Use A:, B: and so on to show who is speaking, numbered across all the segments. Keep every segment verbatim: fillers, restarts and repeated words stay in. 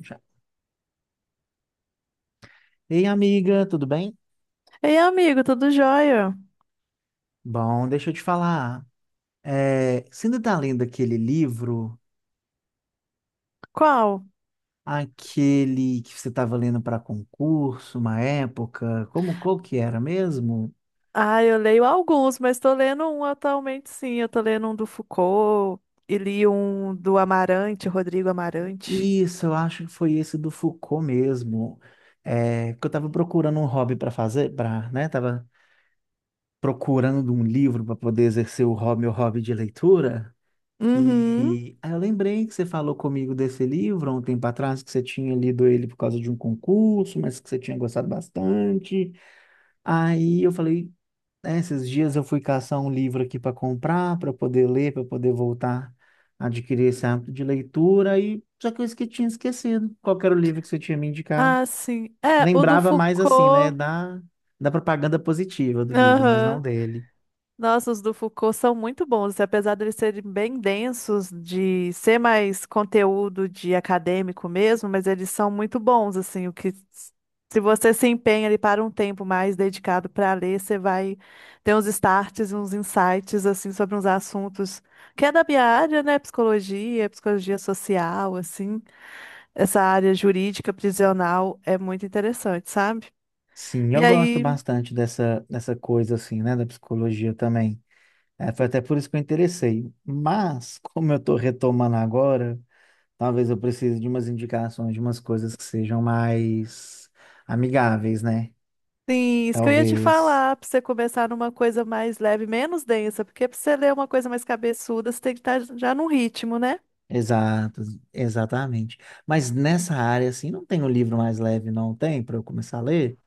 A: Já. Ei, amiga, tudo bem?
B: Ei, amigo, tudo jóia?
A: Bom, deixa eu te falar. É, você ainda tá lendo aquele livro,
B: Qual?
A: aquele que você estava lendo para concurso, uma época? Como qual que era mesmo?
B: Ah, eu leio alguns, mas tô lendo um atualmente, sim. Eu tô lendo um do Foucault e li um do Amarante, Rodrigo Amarante.
A: Isso, eu acho que foi esse do Foucault mesmo. É, que eu estava procurando um hobby para fazer, para, né? Tava procurando um livro para poder exercer o hobby, meu hobby de leitura.
B: Uhum.
A: E aí eu lembrei que você falou comigo desse livro há um tempo atrás, que você tinha lido ele por causa de um concurso, mas que você tinha gostado bastante. Aí eu falei, né, esses dias eu fui caçar um livro aqui para comprar, para poder ler, para poder voltar a adquirir esse hábito de leitura, e só que eu esque- tinha esquecido qual que era o livro que você tinha me indicado.
B: Ah, sim. É, o do
A: Lembrava mais assim, né,
B: Foucault.
A: da, da propaganda positiva do livro, mas não
B: Aham.
A: dele.
B: Nossa, os do Foucault são muito bons, e apesar de eles serem bem densos, de ser mais conteúdo de acadêmico mesmo, mas eles são muito bons, assim, o que s- se você se empenha ali para um tempo mais dedicado para ler, você vai ter uns starts, uns insights, assim, sobre uns assuntos que é da minha área, né, psicologia, psicologia social, assim, essa área jurídica prisional é muito interessante, sabe?
A: Sim, eu
B: E
A: gosto
B: aí
A: bastante dessa, dessa coisa assim, né, da psicologia também. É, foi até por isso que eu interessei. Mas, como eu estou retomando agora, talvez eu precise de umas indicações, de umas coisas que sejam mais amigáveis, né?
B: sim, isso que eu ia te
A: Talvez.
B: falar, pra você começar numa coisa mais leve, menos densa, porque pra você ler uma coisa mais cabeçuda, você tem que estar já num ritmo, né?
A: Exato, exatamente. Mas nessa área, assim, não tem um livro mais leve, não tem, para eu começar a ler?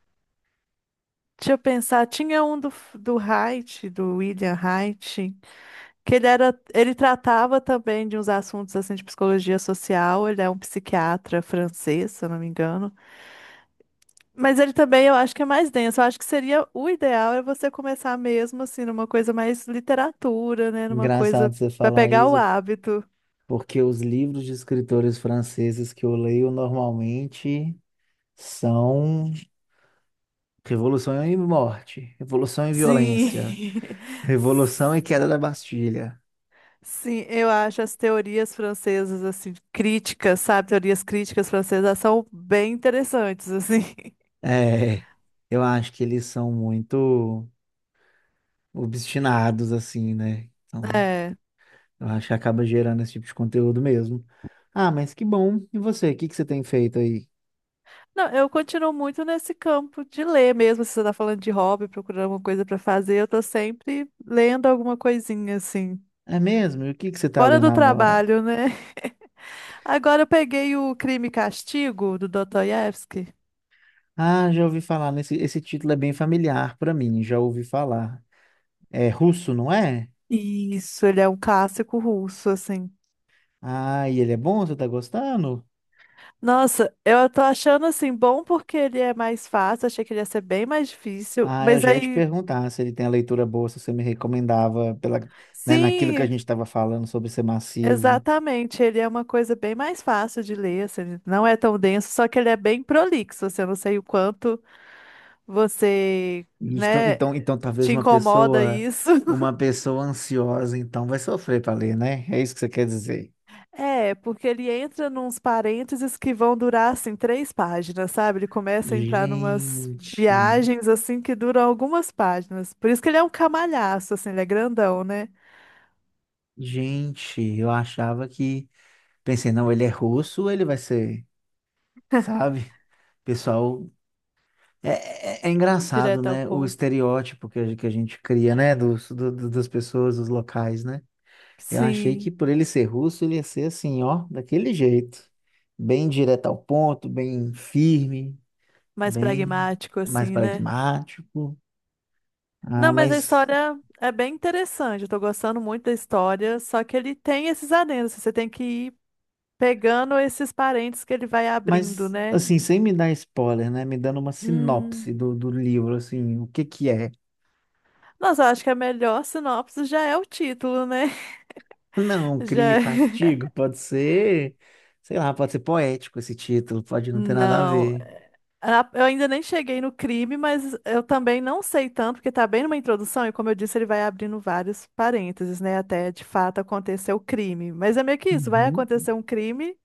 B: Deixa eu pensar, tinha um do, do Haidt, do William Haidt, que ele era, ele tratava também de uns assuntos assim de psicologia social, ele é um psiquiatra francês, se eu não me engano. Mas ele também, eu acho que é mais denso, eu acho que seria, o ideal é você começar mesmo assim numa coisa mais literatura, né, numa coisa
A: Engraçado você
B: para
A: falar
B: pegar o
A: isso,
B: hábito.
A: porque os livros de escritores franceses que eu leio normalmente são Revolução e Morte, Revolução e Violência.
B: Sim.
A: Revolução e Queda da Bastilha.
B: Sim, eu acho as teorias francesas assim críticas, sabe? Teorias críticas francesas são bem interessantes assim.
A: É, eu acho que eles são muito obstinados, assim, né? Então,
B: É.
A: eu acho que acaba gerando esse tipo de conteúdo mesmo. Ah, mas que bom. E você, o que que você tem feito aí?
B: Não, eu continuo muito nesse campo de ler mesmo, se você tá falando de hobby, procurando alguma coisa pra fazer, eu tô sempre lendo alguma coisinha assim.
A: É mesmo? E o que que você tá
B: Fora
A: lendo
B: do
A: agora?
B: trabalho, né? Agora eu peguei o Crime e Castigo do Dostoiévski.
A: Ah, já ouvi falar nesse, esse título é bem familiar pra mim, já ouvi falar. É russo, não é?
B: Isso, ele é um clássico russo assim.
A: Ah, e ele é bom? Você tá gostando?
B: Nossa, eu tô achando assim bom porque ele é mais fácil, achei que ele ia ser bem mais difícil,
A: Ah, eu
B: mas
A: já ia te
B: aí
A: perguntar se ele tem a leitura boa, se você me recomendava pela, né, naquilo que a
B: sim,
A: gente estava falando sobre ser massivo.
B: exatamente, ele é uma coisa bem mais fácil de ler, assim, ele não é tão denso, só que ele é bem prolixo, assim, eu não sei o quanto você,
A: E Então,
B: né,
A: então, então talvez
B: te
A: uma
B: incomoda
A: pessoa,
B: isso.
A: uma pessoa ansiosa, então vai sofrer para ler, né? É isso que você quer dizer.
B: É, porque ele entra nos parênteses que vão durar assim três páginas, sabe? Ele começa a entrar numas
A: Gente,
B: viagens assim que duram algumas páginas. Por isso que ele é um camalhaço, assim, ele é grandão, né?
A: gente, eu achava que, pensei, não, ele é russo, ele vai ser, sabe? Pessoal, é, é, é engraçado,
B: Direto ao
A: né? O
B: ponto.
A: estereótipo que a, que a gente cria, né? Dos, do- do- das pessoas, dos locais, né? Eu achei que
B: Sim,
A: por ele ser russo, ele ia ser assim, ó, daquele jeito. Bem direto ao ponto, bem firme,
B: mais
A: bem
B: pragmático,
A: mais
B: assim, né?
A: pragmático. Ah,
B: Não, mas a
A: mas,
B: história é bem interessante. Eu tô gostando muito da história, só que ele tem esses adendos. Você tem que ir pegando esses parentes que ele vai abrindo,
A: mas
B: né?
A: assim, sem me dar spoiler, né? Me dando uma
B: Hum.
A: sinopse do, do livro, assim, o que que é?
B: Nossa, eu acho que a melhor sinopse já é o título, né?
A: Não,
B: Já
A: crime e
B: é.
A: castigo, pode ser, sei lá, pode ser poético esse título, pode não ter nada a
B: Não.
A: ver.
B: Ah, eu ainda nem cheguei no crime, mas eu também não sei tanto, porque tá bem numa introdução, e como eu disse, ele vai abrindo vários parênteses, né? Até de fato acontecer o crime. Mas é meio que isso, vai
A: Uhum.
B: acontecer um crime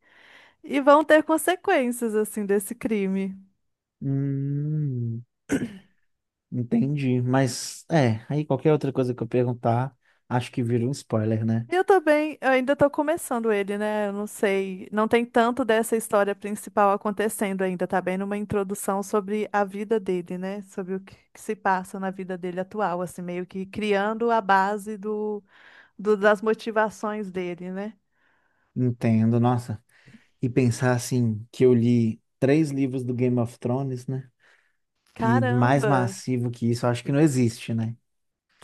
B: e vão ter consequências, assim, desse crime.
A: Hum, Entendi, mas é, aí qualquer outra coisa que eu perguntar, acho que vira um spoiler, né?
B: E eu também, eu ainda tô começando ele, né? Eu não sei, não tem tanto dessa história principal acontecendo ainda, tá bem numa introdução sobre a vida dele, né? Sobre o que que se passa na vida dele atual, assim, meio que criando a base do- das motivações dele, né?
A: Entendo, nossa. E pensar assim, que eu li três livros do Game of Thrones, né? Que mais
B: Caramba!
A: massivo que isso, acho que não existe, né?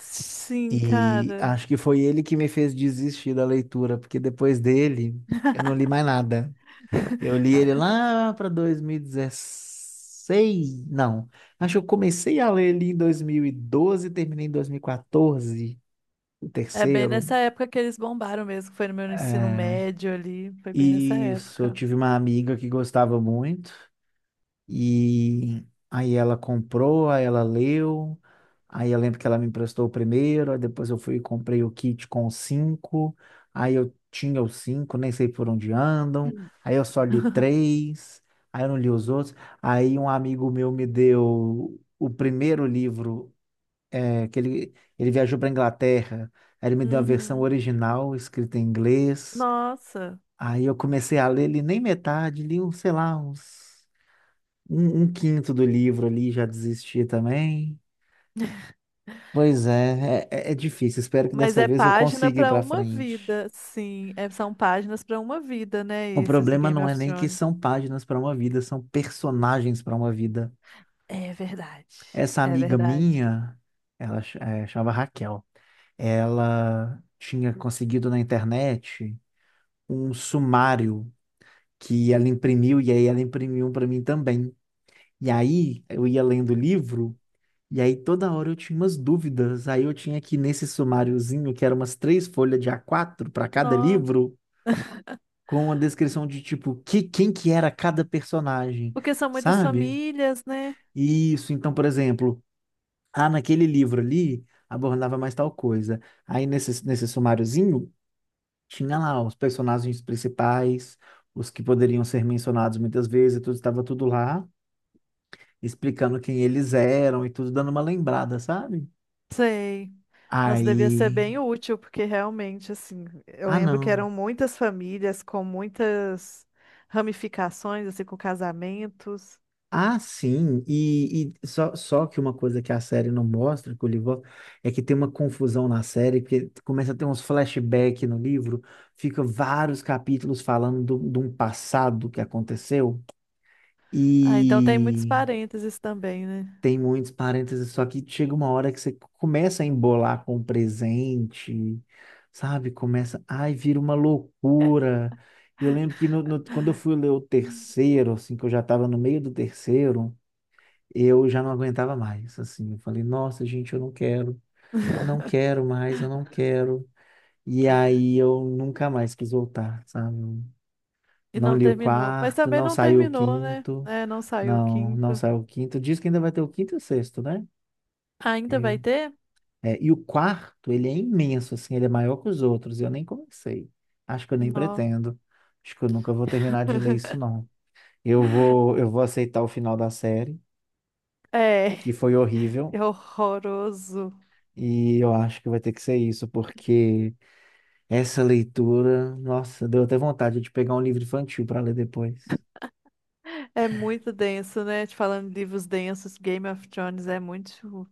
B: Sim,
A: E
B: cara.
A: acho que foi ele que me fez desistir da leitura, porque depois dele eu não li mais nada. Eu li ele lá para dois mil e dezesseis, não. Acho que eu comecei a ler ele em dois mil e doze e terminei em dois mil e quatorze, o
B: É bem
A: terceiro.
B: nessa época que eles bombaram mesmo, que foi no meu ensino
A: É,
B: médio ali, foi bem nessa
A: isso, eu
B: época.
A: tive uma amiga que gostava muito, e aí ela comprou, aí ela leu, aí eu lembro que ela me emprestou o primeiro, aí depois eu fui e comprei o kit com os cinco, aí eu tinha os cinco, nem sei por onde andam, aí eu só li três, aí eu não li os outros, aí um amigo meu me deu o primeiro livro, é, que ele, ele viajou para Inglaterra, aí ele me deu a versão
B: Uhum.
A: original, escrita em inglês.
B: Nossa,
A: Aí eu comecei a ler, li nem metade, li, um, sei lá, uns, um, um quinto do livro ali, já desisti também. Pois é, é, é- é difícil. Espero que
B: mas
A: dessa
B: é
A: vez eu
B: página
A: consiga ir
B: para
A: pra
B: uma
A: frente.
B: vida, sim, é- são páginas para uma vida, né?
A: O
B: Esses do
A: problema
B: Game
A: não é
B: of
A: nem que
B: Thrones.
A: são páginas para uma vida, são personagens para uma vida.
B: É verdade,
A: Essa
B: é
A: amiga
B: verdade.
A: minha, ela ch- eh, chamava Raquel, ela tinha conseguido na internet um sumário que ela imprimiu, e aí ela imprimiu para mim também. E aí eu ia lendo o livro. E aí toda hora eu tinha umas dúvidas. Aí eu tinha que, nesse sumáriozinho, que era umas três folhas de A quatro para cada
B: Nó,
A: livro, com a descrição de tipo que, quem que era cada personagem,
B: porque são muitas
A: sabe?
B: famílias, né?
A: Isso, então, por exemplo, ah, naquele livro ali abordava mais tal coisa. Aí nesse, nesse sumáriozinho tinha lá os personagens principais, os que poderiam ser mencionados muitas vezes, tudo estava tudo lá, explicando quem eles eram e tudo, dando uma lembrada, sabe?
B: Sei. Nossa, devia ser
A: Aí.
B: bem útil, porque realmente, assim, eu
A: Ah,
B: lembro que
A: não.
B: eram muitas famílias com muitas ramificações, assim, com casamentos.
A: Ah, sim, e, e só, só que uma coisa que a série não mostra, que o livro mostra, é que tem uma confusão na série, que começa a ter uns flashbacks no livro, fica vários capítulos falando do- de um passado que aconteceu,
B: Ah, então tem muitos
A: e
B: parênteses também, né?
A: tem muitos parênteses, só que chega uma hora que você começa a embolar com o presente, sabe? Começa, ai, vira uma loucura. Eu lembro que no- no- quando eu fui ler o
B: Hum.
A: terceiro, assim, que eu já estava no meio do terceiro, eu já não aguentava mais, assim, eu falei, nossa, gente, eu não quero, não quero mais, eu não quero. E aí eu nunca mais quis voltar, sabe? Eu
B: E
A: não
B: não
A: li o
B: terminou. Mas
A: quarto,
B: também
A: não
B: não
A: saiu o
B: terminou, né?
A: quinto,
B: É, não saiu o
A: não, não
B: quinto.
A: saiu o quinto. Diz que ainda vai ter o quinto e o sexto, né?
B: Ainda vai
A: Eu.
B: ter?
A: É, e o quarto, ele é imenso, assim, ele é maior que os outros, e eu nem comecei. Acho que eu nem
B: Não.
A: pretendo. Acho que eu nunca vou terminar de ler isso, não. Eu vou, eu vou aceitar o final da série,
B: É,
A: que foi horrível.
B: é horroroso.
A: E eu acho que vai ter que ser isso, porque essa leitura, nossa, deu até vontade de pegar um livro infantil para ler depois.
B: É muito denso, né? Te falando de livros densos, Game of Thrones é muito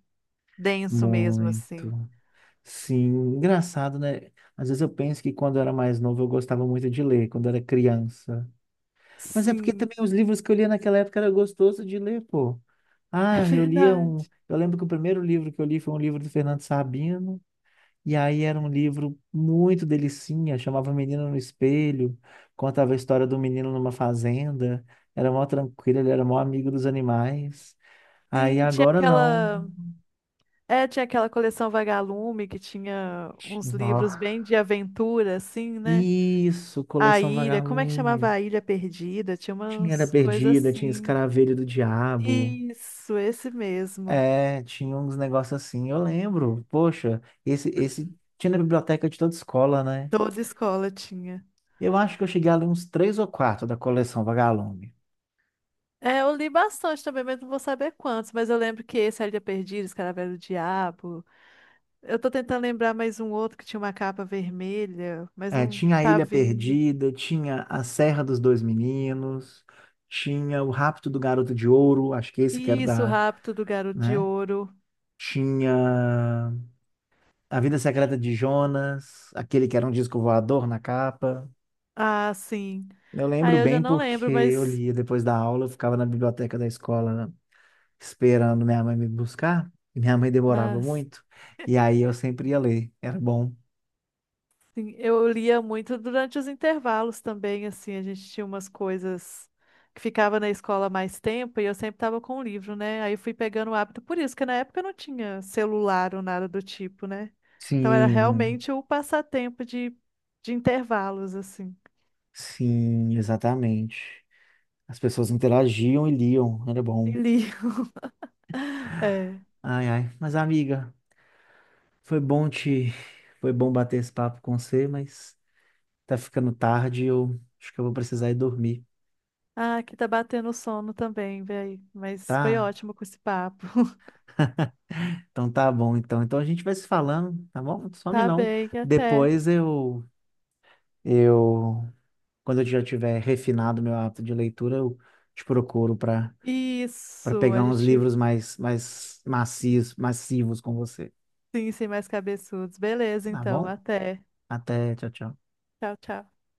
B: denso mesmo, assim.
A: Muito. Sim, engraçado, né? Às vezes eu penso que quando eu era mais novo eu gostava muito de ler, quando eu era criança. Mas é porque
B: Sim,
A: também os livros que eu lia naquela época era gostoso de ler, pô.
B: é
A: Ah, eu lia
B: verdade.
A: um. Eu lembro que o primeiro livro que eu li foi um livro do Fernando Sabino. E aí era um livro muito delicinha, chamava Menino no Espelho, contava a história do menino numa fazenda, era mó tranquilo, ele era mó amigo dos animais. Aí
B: Sim, tinha
A: agora não.
B: aquela, é, tinha aquela coleção Vagalume que tinha uns livros
A: Nossa.
B: bem de aventura, assim, né?
A: Isso,
B: A
A: coleção
B: Ilha, como é que chamava
A: Vagalume.
B: a Ilha Perdida? Tinha
A: Tinha Era
B: umas coisas
A: Perdida, tinha
B: assim.
A: Escaravelho do Diabo.
B: Isso, esse mesmo.
A: É, tinha uns negócios assim, eu lembro. Poxa, esse, esse tinha na biblioteca de toda escola, né?
B: Toda escola tinha.
A: Eu acho que eu cheguei ali uns três ou quatro da coleção Vagalume.
B: É, eu li bastante também, mas não vou saber quantos, mas eu lembro que esse, A Ilha Perdida, Escaravelho do Diabo. Eu tô tentando lembrar mais um outro que tinha uma capa vermelha, mas
A: É,
B: não
A: tinha a
B: tá
A: Ilha
B: vindo.
A: Perdida, tinha a Serra dos Dois Meninos, tinha o Rapto do Garoto de Ouro, acho que esse que era
B: Isso, o
A: da,
B: rapto do Garoto de
A: né?
B: Ouro.
A: Tinha A Vida Secreta de Jonas, aquele que era um disco voador na capa.
B: Ah, sim.
A: Eu
B: Ah,
A: lembro
B: eu já
A: bem
B: não
A: porque
B: lembro,
A: eu
B: mas
A: lia depois da aula, eu ficava na biblioteca da escola esperando minha mãe me buscar, e minha mãe demorava
B: ah,
A: muito, e aí eu sempre ia ler, era bom.
B: sim, eu lia muito durante os intervalos também, assim, a gente tinha umas coisas que ficava na escola mais tempo e eu sempre tava com o livro, né? Aí eu fui pegando o hábito por isso, que na época eu não tinha celular ou nada do tipo, né? Então era
A: Sim,
B: realmente o passatempo de, de intervalos, assim.
A: sim, exatamente. As pessoas interagiam e liam, era
B: E
A: bom.
B: li. É.
A: Ai, ai. Mas, amiga, foi bom te. Foi bom bater esse papo com você, mas tá ficando tarde e eu acho que eu vou precisar ir dormir,
B: Ah, aqui tá batendo sono também, véi. Mas foi
A: tá?
B: ótimo com esse papo.
A: Então tá bom, então. Então a gente vai se falando, tá bom? Não some
B: Tá
A: não.
B: bem, até.
A: Depois eu. Eu. Quando eu já tiver refinado meu hábito de leitura, eu te procuro para para
B: Isso,
A: pegar
B: a
A: uns
B: gente
A: livros mais, mais macios, massivos com você,
B: sim, sem mais cabeçudos. Beleza,
A: tá
B: então,
A: bom?
B: até.
A: Até, tchau, tchau.
B: Tchau, tchau.